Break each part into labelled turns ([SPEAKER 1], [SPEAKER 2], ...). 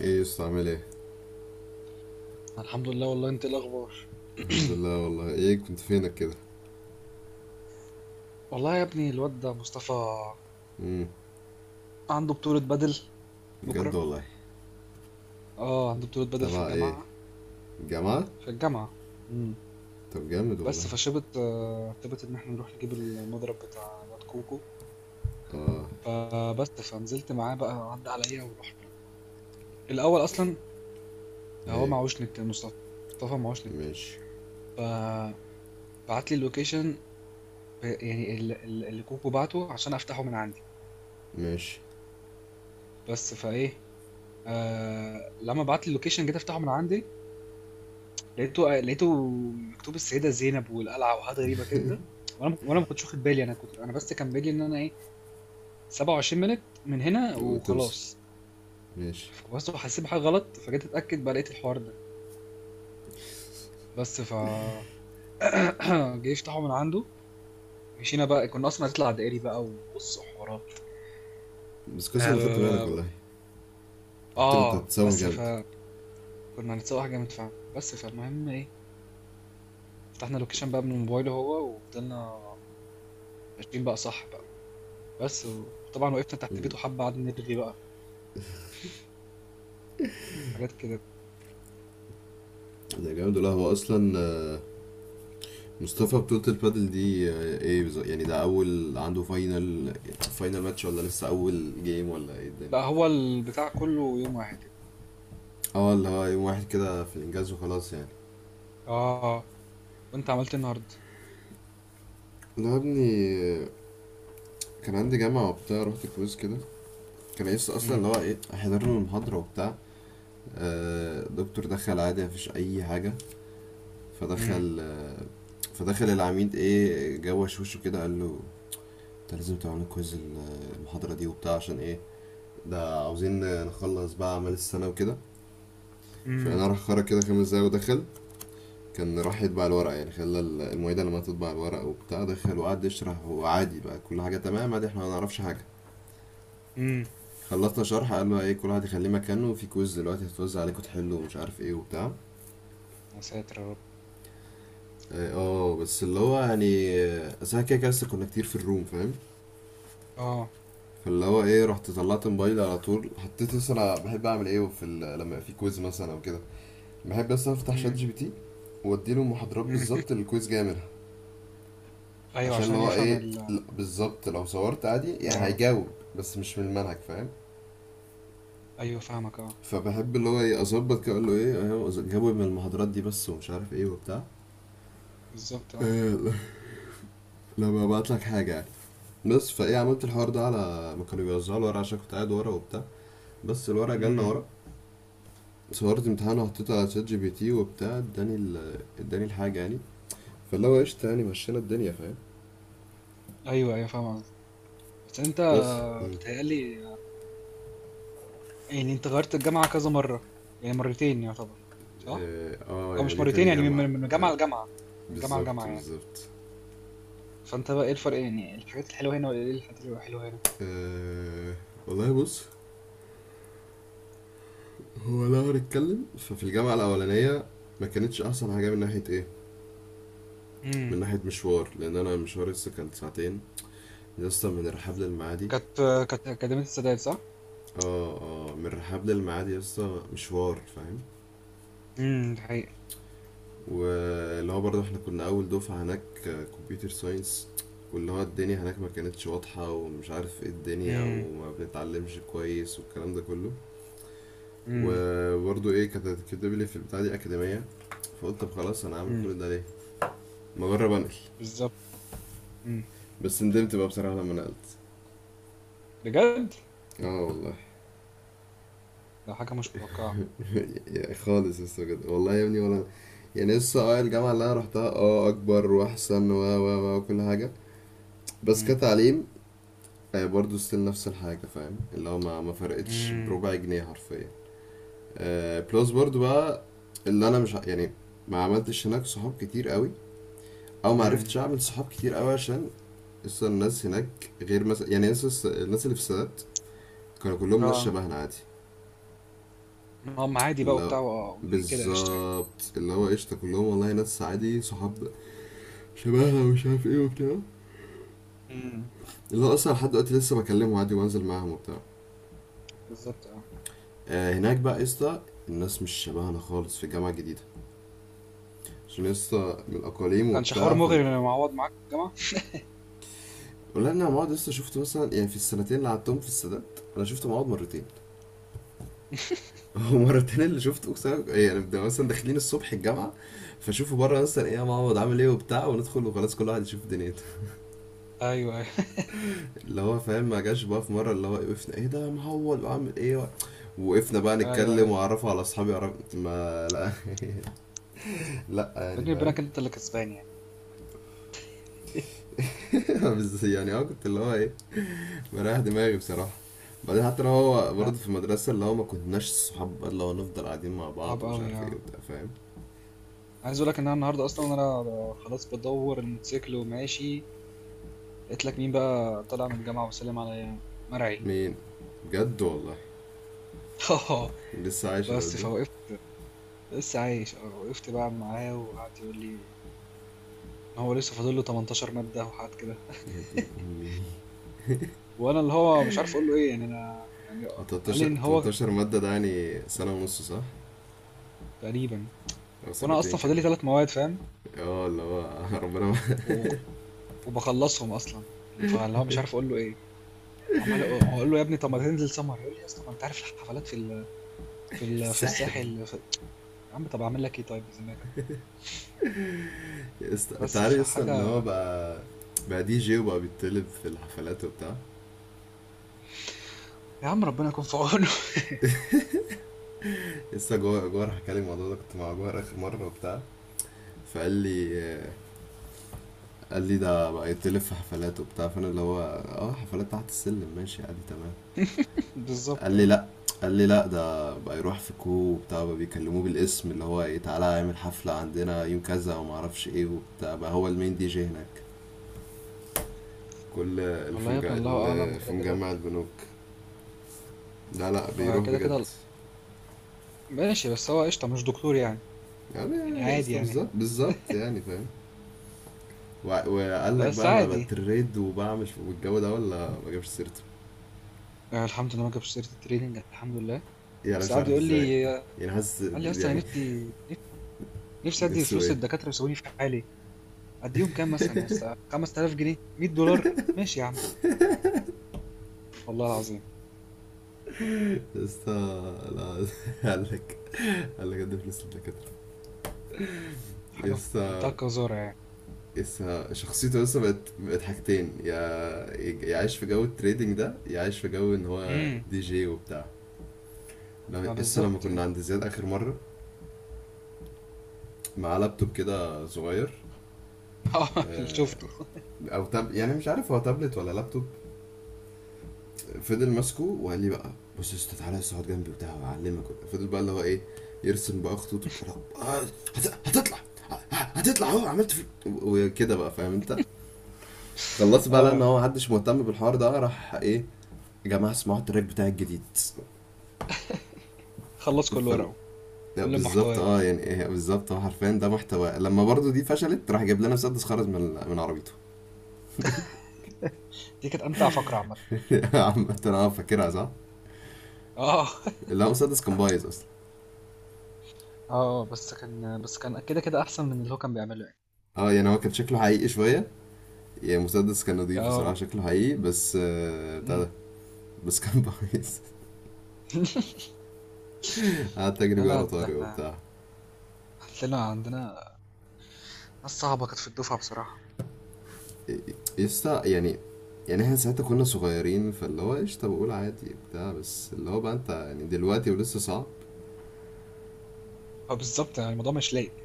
[SPEAKER 1] ايه يا اسطى، عامل ايه؟
[SPEAKER 2] الحمد لله. والله انت ايه الاخبار؟
[SPEAKER 1] الحمد لله والله، ايه كنت فينك كده؟
[SPEAKER 2] والله يا ابني الواد ده مصطفى
[SPEAKER 1] امم
[SPEAKER 2] عنده بطولة بدل
[SPEAKER 1] بجد
[SPEAKER 2] بكرة.
[SPEAKER 1] والله.
[SPEAKER 2] اه، عنده بطولة بدل في
[SPEAKER 1] تبع ايه؟
[SPEAKER 2] الجامعة،
[SPEAKER 1] جامعة.
[SPEAKER 2] في الجامعة. امم
[SPEAKER 1] طب جامد والله.
[SPEAKER 2] بس فشبت شبت ان احنا نروح نجيب المضرب بتاع الواد كوكو،
[SPEAKER 1] اه.
[SPEAKER 2] فبس فنزلت معاه بقى، عدى عليا ورحنا. الاول اصلا هو
[SPEAKER 1] ايه؟
[SPEAKER 2] معهوش نت مصطفى. مصطفى معهوش نت،
[SPEAKER 1] ماشي
[SPEAKER 2] فبعت لي اللوكيشن اللي كوكو بعته عشان افتحه من عندي.
[SPEAKER 1] ماشي
[SPEAKER 2] بس فايه، آه، لما بعت لي اللوكيشن جيت افتحه من عندي، لقيته مكتوب السيدة زينب والقلعة وحاجات غريبة كده. وانا ما كنتش واخد بالي، انا كنت، انا بس كان بالي ان انا ايه، 27 مينت من هنا
[SPEAKER 1] وتوصل،
[SPEAKER 2] وخلاص.
[SPEAKER 1] ماشي.
[SPEAKER 2] فبس حسيت بحاجة غلط، فجيت اتأكد بقى لقيت الحوار ده. بس ف جه يفتحه من عنده، مشينا بقى. كنا اصلا هنطلع دائري بقى، وبص حوارات.
[SPEAKER 1] بس كويس انا خدت بالك
[SPEAKER 2] آه,
[SPEAKER 1] والله. انت كنت
[SPEAKER 2] اه
[SPEAKER 1] هتتسوح
[SPEAKER 2] بس
[SPEAKER 1] جامد.
[SPEAKER 2] فكنا هنتسوق حاجة جامد فعلا. بس فالمهم ايه، فتحنا اللوكيشن بقى من موبايله هو، وفضلنا ماشيين بقى، صح بقى. بس وطبعا وقفنا تحت بيته حبة، قعدنا نرغي بقى حاجات كده.
[SPEAKER 1] ده جامد، ولا هو اصلا مصطفى بطولة البادل دي، ايه بالظبط يعني؟ ده اول عنده فاينل ماتش، ولا لسه اول جيم، ولا ايه الدنيا؟
[SPEAKER 2] لا هو البتاع كله يوم واحد كده.
[SPEAKER 1] اه، اللي هو يوم واحد كده، في الانجاز وخلاص يعني.
[SPEAKER 2] اه. وانت عملت إيه النهارده؟
[SPEAKER 1] لا يا ابني، كان عندي جامعة وبتاع، رحت كويز كده. كان نفسي أصلا اللي
[SPEAKER 2] امم
[SPEAKER 1] هو إيه، أحضر له المحاضرة وبتاع. دكتور دخل عادي، مفيش أي حاجة.
[SPEAKER 2] امم
[SPEAKER 1] فدخل آه، فدخل العميد، إيه، جوش وشه كده، قال له: أنت لازم تعمل كويز المحاضرة دي وبتاع، عشان إيه؟ ده عاوزين نخلص بقى أعمال السنة وكده. فأنا
[SPEAKER 2] امم
[SPEAKER 1] راح خرج كده خمس دقايق ودخل. كان راح يطبع الورق، يعني خلى المعيدة لما تطبع الورق وبتاع. دخل وقعد يشرح، وعادي بقى كل حاجة تمام، عادي، احنا ما نعرفش حاجة.
[SPEAKER 2] امم
[SPEAKER 1] خلصنا شرح، قالوا: ايه، كل واحد يخليه مكانه، وفي كويز دلوقتي هتوزع عليكم تحلوا، ومش عارف ايه وبتاع.
[SPEAKER 2] يا ساتر يا رب.
[SPEAKER 1] اه، بس اللي هو يعني، أصل احنا كده كده لسه كنا كتير في الروم، فاهم؟
[SPEAKER 2] اه.
[SPEAKER 1] فاللي هو ايه، رحت طلعت موبايلي على طول، حطيت، بس انا بحب اعمل ايه في لما يبقى في كويز مثلا او كده. بحب بس افتح شات جي
[SPEAKER 2] امم
[SPEAKER 1] بي تي، واديله المحاضرات
[SPEAKER 2] امم
[SPEAKER 1] بالظبط اللي الكويز جاي منها.
[SPEAKER 2] ايوه،
[SPEAKER 1] عشان اللي
[SPEAKER 2] عشان
[SPEAKER 1] هو
[SPEAKER 2] يفهم
[SPEAKER 1] ايه،
[SPEAKER 2] ال…
[SPEAKER 1] لا، بالظبط، لو صورت عادي يعني
[SPEAKER 2] اه.
[SPEAKER 1] هيجاوب، بس مش من المنهج، فاهم.
[SPEAKER 2] ايوه فاهمك، اه.
[SPEAKER 1] فبحب اللي هو ايه، اظبط كده، اقول له ايه أهو، جاوب من المحاضرات دي بس، ومش عارف ايه وبتاع.
[SPEAKER 2] بالظبط، اه.
[SPEAKER 1] آه، لما ببعت لك حاجة يعني. بس فايه، عملت الحوار ده على ما كانوا بيوزعوا الورق، عشان كنت قاعد ورا وبتاع. بس الورق جالنا
[SPEAKER 2] امم
[SPEAKER 1] ورق، صورت امتحان وحطيته على شات جي بي تي وبتاع، اداني اداني الحاجة يعني. فاللي هو قشطة يعني، مشينا الدنيا فاهم.
[SPEAKER 2] ايوه ايوه فاهم قصدك. بس انت،
[SPEAKER 1] بس مم.
[SPEAKER 2] بتهيألي يعني انت غيرت الجامعه كذا مره، يعني مرتين يعتبر، صح؟
[SPEAKER 1] اه،
[SPEAKER 2] او
[SPEAKER 1] يعني
[SPEAKER 2] مش
[SPEAKER 1] دي
[SPEAKER 2] مرتين،
[SPEAKER 1] تاني
[SPEAKER 2] يعني من
[SPEAKER 1] جامعة
[SPEAKER 2] من من جامعه لجامعه، من جامعه
[SPEAKER 1] بالظبط
[SPEAKER 2] لجامعه يعني.
[SPEAKER 1] بالظبط.
[SPEAKER 2] فانت بقى ايه الفرق، يعني الحاجات الحلوه هنا ولا ايه الحاجات الحلوه هنا؟
[SPEAKER 1] آه والله، بص. هو لو هنتكلم، ففي الجامعة الأولانية ما كانتش أحسن حاجة من ناحية إيه؟
[SPEAKER 2] امم
[SPEAKER 1] من ناحية مشوار، لأن أنا مشواري لسه كان ساعتين. لسه من الرحاب للمعادي.
[SPEAKER 2] كانت، كانت أكاديمية السادات صح؟
[SPEAKER 1] اه. اه، من الرحاب للميعاد يا اسطى، مشوار فاهم.
[SPEAKER 2] ده حقيقي.
[SPEAKER 1] واللي هو برضه احنا كنا اول دفعة هناك، كمبيوتر ساينس. واللي هو الدنيا هناك ما كانتش واضحة، ومش عارف ايه الدنيا،
[SPEAKER 2] امم
[SPEAKER 1] وما بنتعلمش كويس، والكلام ده كله.
[SPEAKER 2] امم
[SPEAKER 1] وبرضه ايه، كانت كاتب لي في البتاع دي أكاديمية. فقلت طب خلاص، انا هعمل
[SPEAKER 2] امم
[SPEAKER 1] كل ده ليه؟ ما اجرب انقل.
[SPEAKER 2] بالظبط. امم
[SPEAKER 1] بس ندمت بقى بصراحة لما نقلت.
[SPEAKER 2] بجد؟
[SPEAKER 1] اه والله.
[SPEAKER 2] ده حاجة مش متوقعة.
[SPEAKER 1] خالص لسه، بجد والله يا ابني، ولا يعني لسه. اه، الجامعة اللي انا روحتها اه، اكبر واحسن، و و و وكل حاجة. بس
[SPEAKER 2] امم
[SPEAKER 1] كتعليم برضو ستيل نفس الحاجة، فاهم، اللي هو ما فرقتش
[SPEAKER 2] امم
[SPEAKER 1] بربع جنيه حرفيا. بلس برضو بقى، اللي انا مش يعني ما عملتش هناك صحاب كتير قوي، او ما عرفتش
[SPEAKER 2] امم
[SPEAKER 1] اعمل صحاب كتير قوي، عشان اصلا الناس هناك غير، مثلا يعني الناس الناس اللي في السادات كانوا كلهم ناس
[SPEAKER 2] اه،
[SPEAKER 1] شبهنا عادي.
[SPEAKER 2] هم عادي بقى
[SPEAKER 1] اللي هو
[SPEAKER 2] وبتاع و- كده قشطة يعني.
[SPEAKER 1] بالظبط، اللي هو قشطة كلهم والله، ناس عادي، صحاب شبهنا ومش عارف ايه وبتاع.
[SPEAKER 2] امم
[SPEAKER 1] اللي هو اصلا لحد دلوقتي لسه بكلمهم عادي وانزل معاهم وبتاع.
[SPEAKER 2] بالظبط، اه.
[SPEAKER 1] هناك بقى يا اسطى، الناس مش شبهنا خالص في الجامعه الجديده، عشان يا اسطى من الاقاليم
[SPEAKER 2] كانش حوار
[SPEAKER 1] وبتاع،
[SPEAKER 2] مغري ان معوض معاك في الجامعة؟
[SPEAKER 1] ولا انا مواد لسه شفت مثلا، يعني في السنتين اللي قعدتهم في السادات انا شفت مواد مرتين. ومرتين اللي شفته، اقسم بالله- يعني بنبقى مثلا داخلين الصبح الجامعه، فشوفوا بره مثلا: ايه يا معوض، عامل ايه وبتاع، وندخل، وخلاص كل واحد يشوف دنيته.
[SPEAKER 2] ايوه ايوه.
[SPEAKER 1] اللي هو فاهم، ما جاش بقى في مره اللي هو وقفنا: ايه ده يا معوض، وعامل ايه؟ وقفنا بقى
[SPEAKER 2] ايوه
[SPEAKER 1] نتكلم،
[SPEAKER 2] ايوه.
[SPEAKER 1] واعرفه على اصحابي، ما لا. لا يعني،
[SPEAKER 2] بيني
[SPEAKER 1] فاهم.
[SPEAKER 2] وبينك انت اللي كسبان يعني.
[SPEAKER 1] بس يعني اه، كنت اللي هو ايه، مريح دماغي بصراحة. بعدين حتى لو هو
[SPEAKER 2] انا،
[SPEAKER 1] برضه في المدرسة، اللي هو ما كناش صحاب بقى، اللي هو نفضل قاعدين مع
[SPEAKER 2] صعب
[SPEAKER 1] بعض، ومش
[SPEAKER 2] قوي،
[SPEAKER 1] عارف ايه
[SPEAKER 2] اه.
[SPEAKER 1] وبتاع، فاهم.
[SPEAKER 2] عايز اقول لك ان انا النهارده اصلا، وانا خلاص بدور الموتوسيكل وماشي، لقيت لك مين بقى طالع من الجامعة وسلم عليا؟ مرعي.
[SPEAKER 1] مين؟ بجد والله؟
[SPEAKER 2] آه،
[SPEAKER 1] لسه عايش الواد
[SPEAKER 2] بس
[SPEAKER 1] ده؟
[SPEAKER 2] فوقفت، لسه عايش اه. وقفت بقى معاه، وقعد يقول لي ان هو لسه فاضل له 18 مادة وحاجات كده.
[SPEAKER 1] يا دين امي.
[SPEAKER 2] وانا اللي هو مش عارف اقول له ايه، يعني انا يعني.
[SPEAKER 1] هو
[SPEAKER 2] قال لي
[SPEAKER 1] 18
[SPEAKER 2] ان هو
[SPEAKER 1] 18 مادة؟ ده يعني سنة ونص، صح؟
[SPEAKER 2] تقريبا.
[SPEAKER 1] أو
[SPEAKER 2] وانا
[SPEAKER 1] سنتين
[SPEAKER 2] اصلا فاضل لي
[SPEAKER 1] كمان.
[SPEAKER 2] 3 مواد فاهم،
[SPEAKER 1] اه، اللي هو ربنا معاك.
[SPEAKER 2] و- وبخلصهم اصلا. فاللي هو مش عارف اقول له ايه. وعمال اقول له يا ابني طب ما تنزل سمر، يقول لي يا اسطى ما انت عارف الحفلات في ال، في
[SPEAKER 1] في
[SPEAKER 2] ال، في
[SPEAKER 1] الساحل.
[SPEAKER 2] الساحل في… يا عم طب اعمل لك ايه طيب بذمتك؟
[SPEAKER 1] يا اسطى، انت
[SPEAKER 2] بس
[SPEAKER 1] عارف
[SPEAKER 2] في
[SPEAKER 1] لسه ان هو
[SPEAKER 2] حاجه.
[SPEAKER 1] بقى، بقى دي جي وبقى بيتطلب في الحفلات وبتاع.
[SPEAKER 2] يا عم ربنا يكون في عونه.
[SPEAKER 1] لسه جوه، جوه راح كلم الموضوع ده، كنت مع جوه آخر مرة وبتاع. فقال لي، قال لي: ده بقى يتلف في حفلات وبتاع، فانا اللي هو اه، حفلات تحت السلم، ماشي عادي تمام. قال
[SPEAKER 2] بالظبط،
[SPEAKER 1] لي
[SPEAKER 2] آه.
[SPEAKER 1] لا، قال لي لا، ده بقى يروح في كو وبتاع، بقى بيكلموه بالاسم، اللي هو ايه: تعالى اعمل حفلة عندنا يوم كذا، وما اعرفش ايه وبتاع، بقى هو المين دي جي هناك. كل اللي في
[SPEAKER 2] والله يا ابني الله اعلم
[SPEAKER 1] اللي في
[SPEAKER 2] كده كده.
[SPEAKER 1] مجمع البنوك. لا لا، بيروح
[SPEAKER 2] وكده
[SPEAKER 1] بجد.
[SPEAKER 2] كده ماشي. بس هو قشطة مش دكتور يعني،
[SPEAKER 1] يعني
[SPEAKER 2] يعني
[SPEAKER 1] يا
[SPEAKER 2] عادي
[SPEAKER 1] اسطى
[SPEAKER 2] يعني،
[SPEAKER 1] بالظبط بالظبط، يعني فاهم. وقال لك
[SPEAKER 2] بس
[SPEAKER 1] بقى انا
[SPEAKER 2] عادي.
[SPEAKER 1] بتريد وبعمل والجو ده، ولا ما جابش سيرته؟
[SPEAKER 2] الحمد لله ما جابش سيرة الtraining، الحمد لله.
[SPEAKER 1] يعني أنا
[SPEAKER 2] بس
[SPEAKER 1] مش
[SPEAKER 2] قعد
[SPEAKER 1] عارف
[SPEAKER 2] يقول لي،
[SPEAKER 1] ازاي، يعني حاسس
[SPEAKER 2] قال لي: "أصلًا أنا
[SPEAKER 1] يعني،
[SPEAKER 2] نفسي أدّي
[SPEAKER 1] نفسه
[SPEAKER 2] فلوس
[SPEAKER 1] ايه؟
[SPEAKER 2] للدكاترة ويسيبوني في حالي." أدّيهم كام مثلًا يا أسطى، 5000 جنيه، $100 ماشي يا عم، والله العظيم.
[SPEAKER 1] يسا، لا. قال لك قال لك قدم فلوس للدكاترة؟
[SPEAKER 2] حاجة في
[SPEAKER 1] يسا،
[SPEAKER 2] منتهى القذارة يعني.
[SPEAKER 1] يسا شخصيته، يسا بقت حاجتين يا، يعيش في جو التريدنج ده، يعيش في جو ان هو
[SPEAKER 2] إمم،
[SPEAKER 1] دي جي وبتاع.
[SPEAKER 2] ما
[SPEAKER 1] يسا لما
[SPEAKER 2] بالضبط
[SPEAKER 1] كنا
[SPEAKER 2] يعني.
[SPEAKER 1] عند زياد اخر مرة، معاه لابتوب كده صغير،
[SPEAKER 2] آه اللي
[SPEAKER 1] آه،
[SPEAKER 2] شُفته.
[SPEAKER 1] او تاب، يعني مش عارف هو تابلت ولا لابتوب. فضل ماسكه وقال لي بقى: بص يا اسطى، تعالى بس اقعد جنبي وبتاع وهعلمك. فضل بقى اللي هو ايه، يرسم بقى خطوط وبتاع. آه، هتطلع، هتطلع اهو، عملت في وكده بقى، فاهم انت. خلصت بقى لان
[SPEAKER 2] آه،
[SPEAKER 1] هو محدش مهتم بالحوار ده، راح ايه: يا جماعه اسمعوا التراك بتاع الجديد.
[SPEAKER 2] خلّص كل
[SPEAKER 1] فال-
[SPEAKER 2] ورقه،
[SPEAKER 1] لا
[SPEAKER 2] كل
[SPEAKER 1] بالظبط
[SPEAKER 2] محتواه.
[SPEAKER 1] اه، يعني ايه، بالظبط اه، حرفيا ده محتوى. لما برضو دي فشلت، راح جاب لنا مسدس، خرج من عربيته.
[SPEAKER 2] دي كانت أمتع فقرة عامةً.
[SPEAKER 1] عامة اه، فاكرها صح؟
[SPEAKER 2] آه.
[SPEAKER 1] لا، مسدس كان بايظ اصلا.
[SPEAKER 2] آه، بس كان، بس كان كده، كده أحسن من اللي هو كان بيعمله يعني.
[SPEAKER 1] اه، يعني هو كان شكله حقيقي شويه، يعني مسدس كان نضيف بصراحة،
[SPEAKER 2] آه.
[SPEAKER 1] شكله حقيقي بس، بتاع
[SPEAKER 2] إمم.
[SPEAKER 1] ده بس كان بايظ. قعدت أجري
[SPEAKER 2] لا،
[SPEAKER 1] بيه
[SPEAKER 2] لأ،
[SPEAKER 1] ورا
[SPEAKER 2] ده
[SPEAKER 1] طارق
[SPEAKER 2] إحنا
[SPEAKER 1] وبتاع.
[SPEAKER 2] عندنا ناس صعبة كانت في الدفعة بصراحة.
[SPEAKER 1] يسطا يعني، يعني احنا ساعتها كنا صغيرين، فاللي هو قشطة بقول عادي بتاع، بس اللي هو بقى انت يعني دلوقتي ولسه صعب.
[SPEAKER 2] ما بالضبط، يعني الموضوع مش لايق.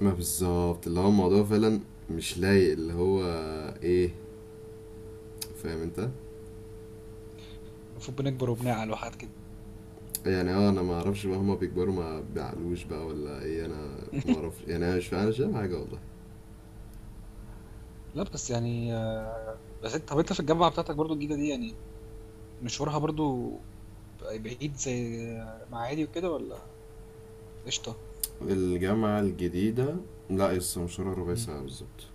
[SPEAKER 1] ما بالظبط، اللي هو الموضوع فعلا مش لايق، اللي هو ايه، فاهم انت.
[SPEAKER 2] المفروض بنكبر وبنعقل وحاجات كده.
[SPEAKER 1] يعني اه انا ما اعرفش بقى، هما بيكبروا ما بيعقلوش بقى ولا ايه، انا ما اعرفش، يعني انا مش فاهم، مش فاهم حاجة والله.
[SPEAKER 2] لأ، بس يعني بس أنت، طَب أنت في الجامعة بتاعتك برضه الجديدة دي، يعني مشوارها برضه بعيد زي آه، معادي وكده، والّا قشطة؟
[SPEAKER 1] الجامعة الجديدة، لا يسطا، مشوارها ربع
[SPEAKER 2] إمم.
[SPEAKER 1] ساعة بالظبط.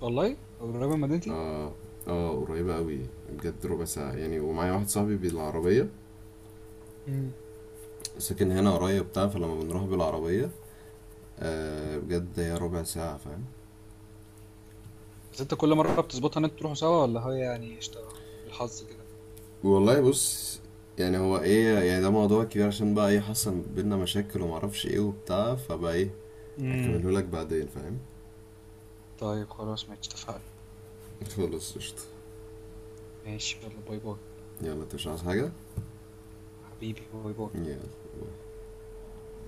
[SPEAKER 2] والله؟ قريبة من مدينتي؟
[SPEAKER 1] اه. اه، قريبة قوي، بجد ربع ساعة يعني. ومعايا واحد صاحبي بالعربية،
[SPEAKER 2] إمم.
[SPEAKER 1] ساكن هنا قريب بتاع فلما بنروح بالعربية بجد هي ربع ساعة، فاهم.
[SPEAKER 2] بس أنت كل مرة بتضبطها إن أنتوا تروحوا سوا، والّا هي يعني قشطة بالحظ كده؟
[SPEAKER 1] والله بص، يعني هو ايه يعني، ده موضوع كبير، عشان بقى ايه، حصل بينا مشاكل ومعرفش ايه وبتاع، فبقى ايه،
[SPEAKER 2] إمم.
[SPEAKER 1] اكمله لك بعدين، فاهم.
[SPEAKER 2] طيب خلاص ماشي، اتفقنا.
[SPEAKER 1] خلاص قشطة.
[SPEAKER 2] ماشي، يالّا باي، باي.
[SPEAKER 1] يلا، انت مش عايز حاجة؟
[SPEAKER 2] حبيبي، باي، باي.
[SPEAKER 1] يلا.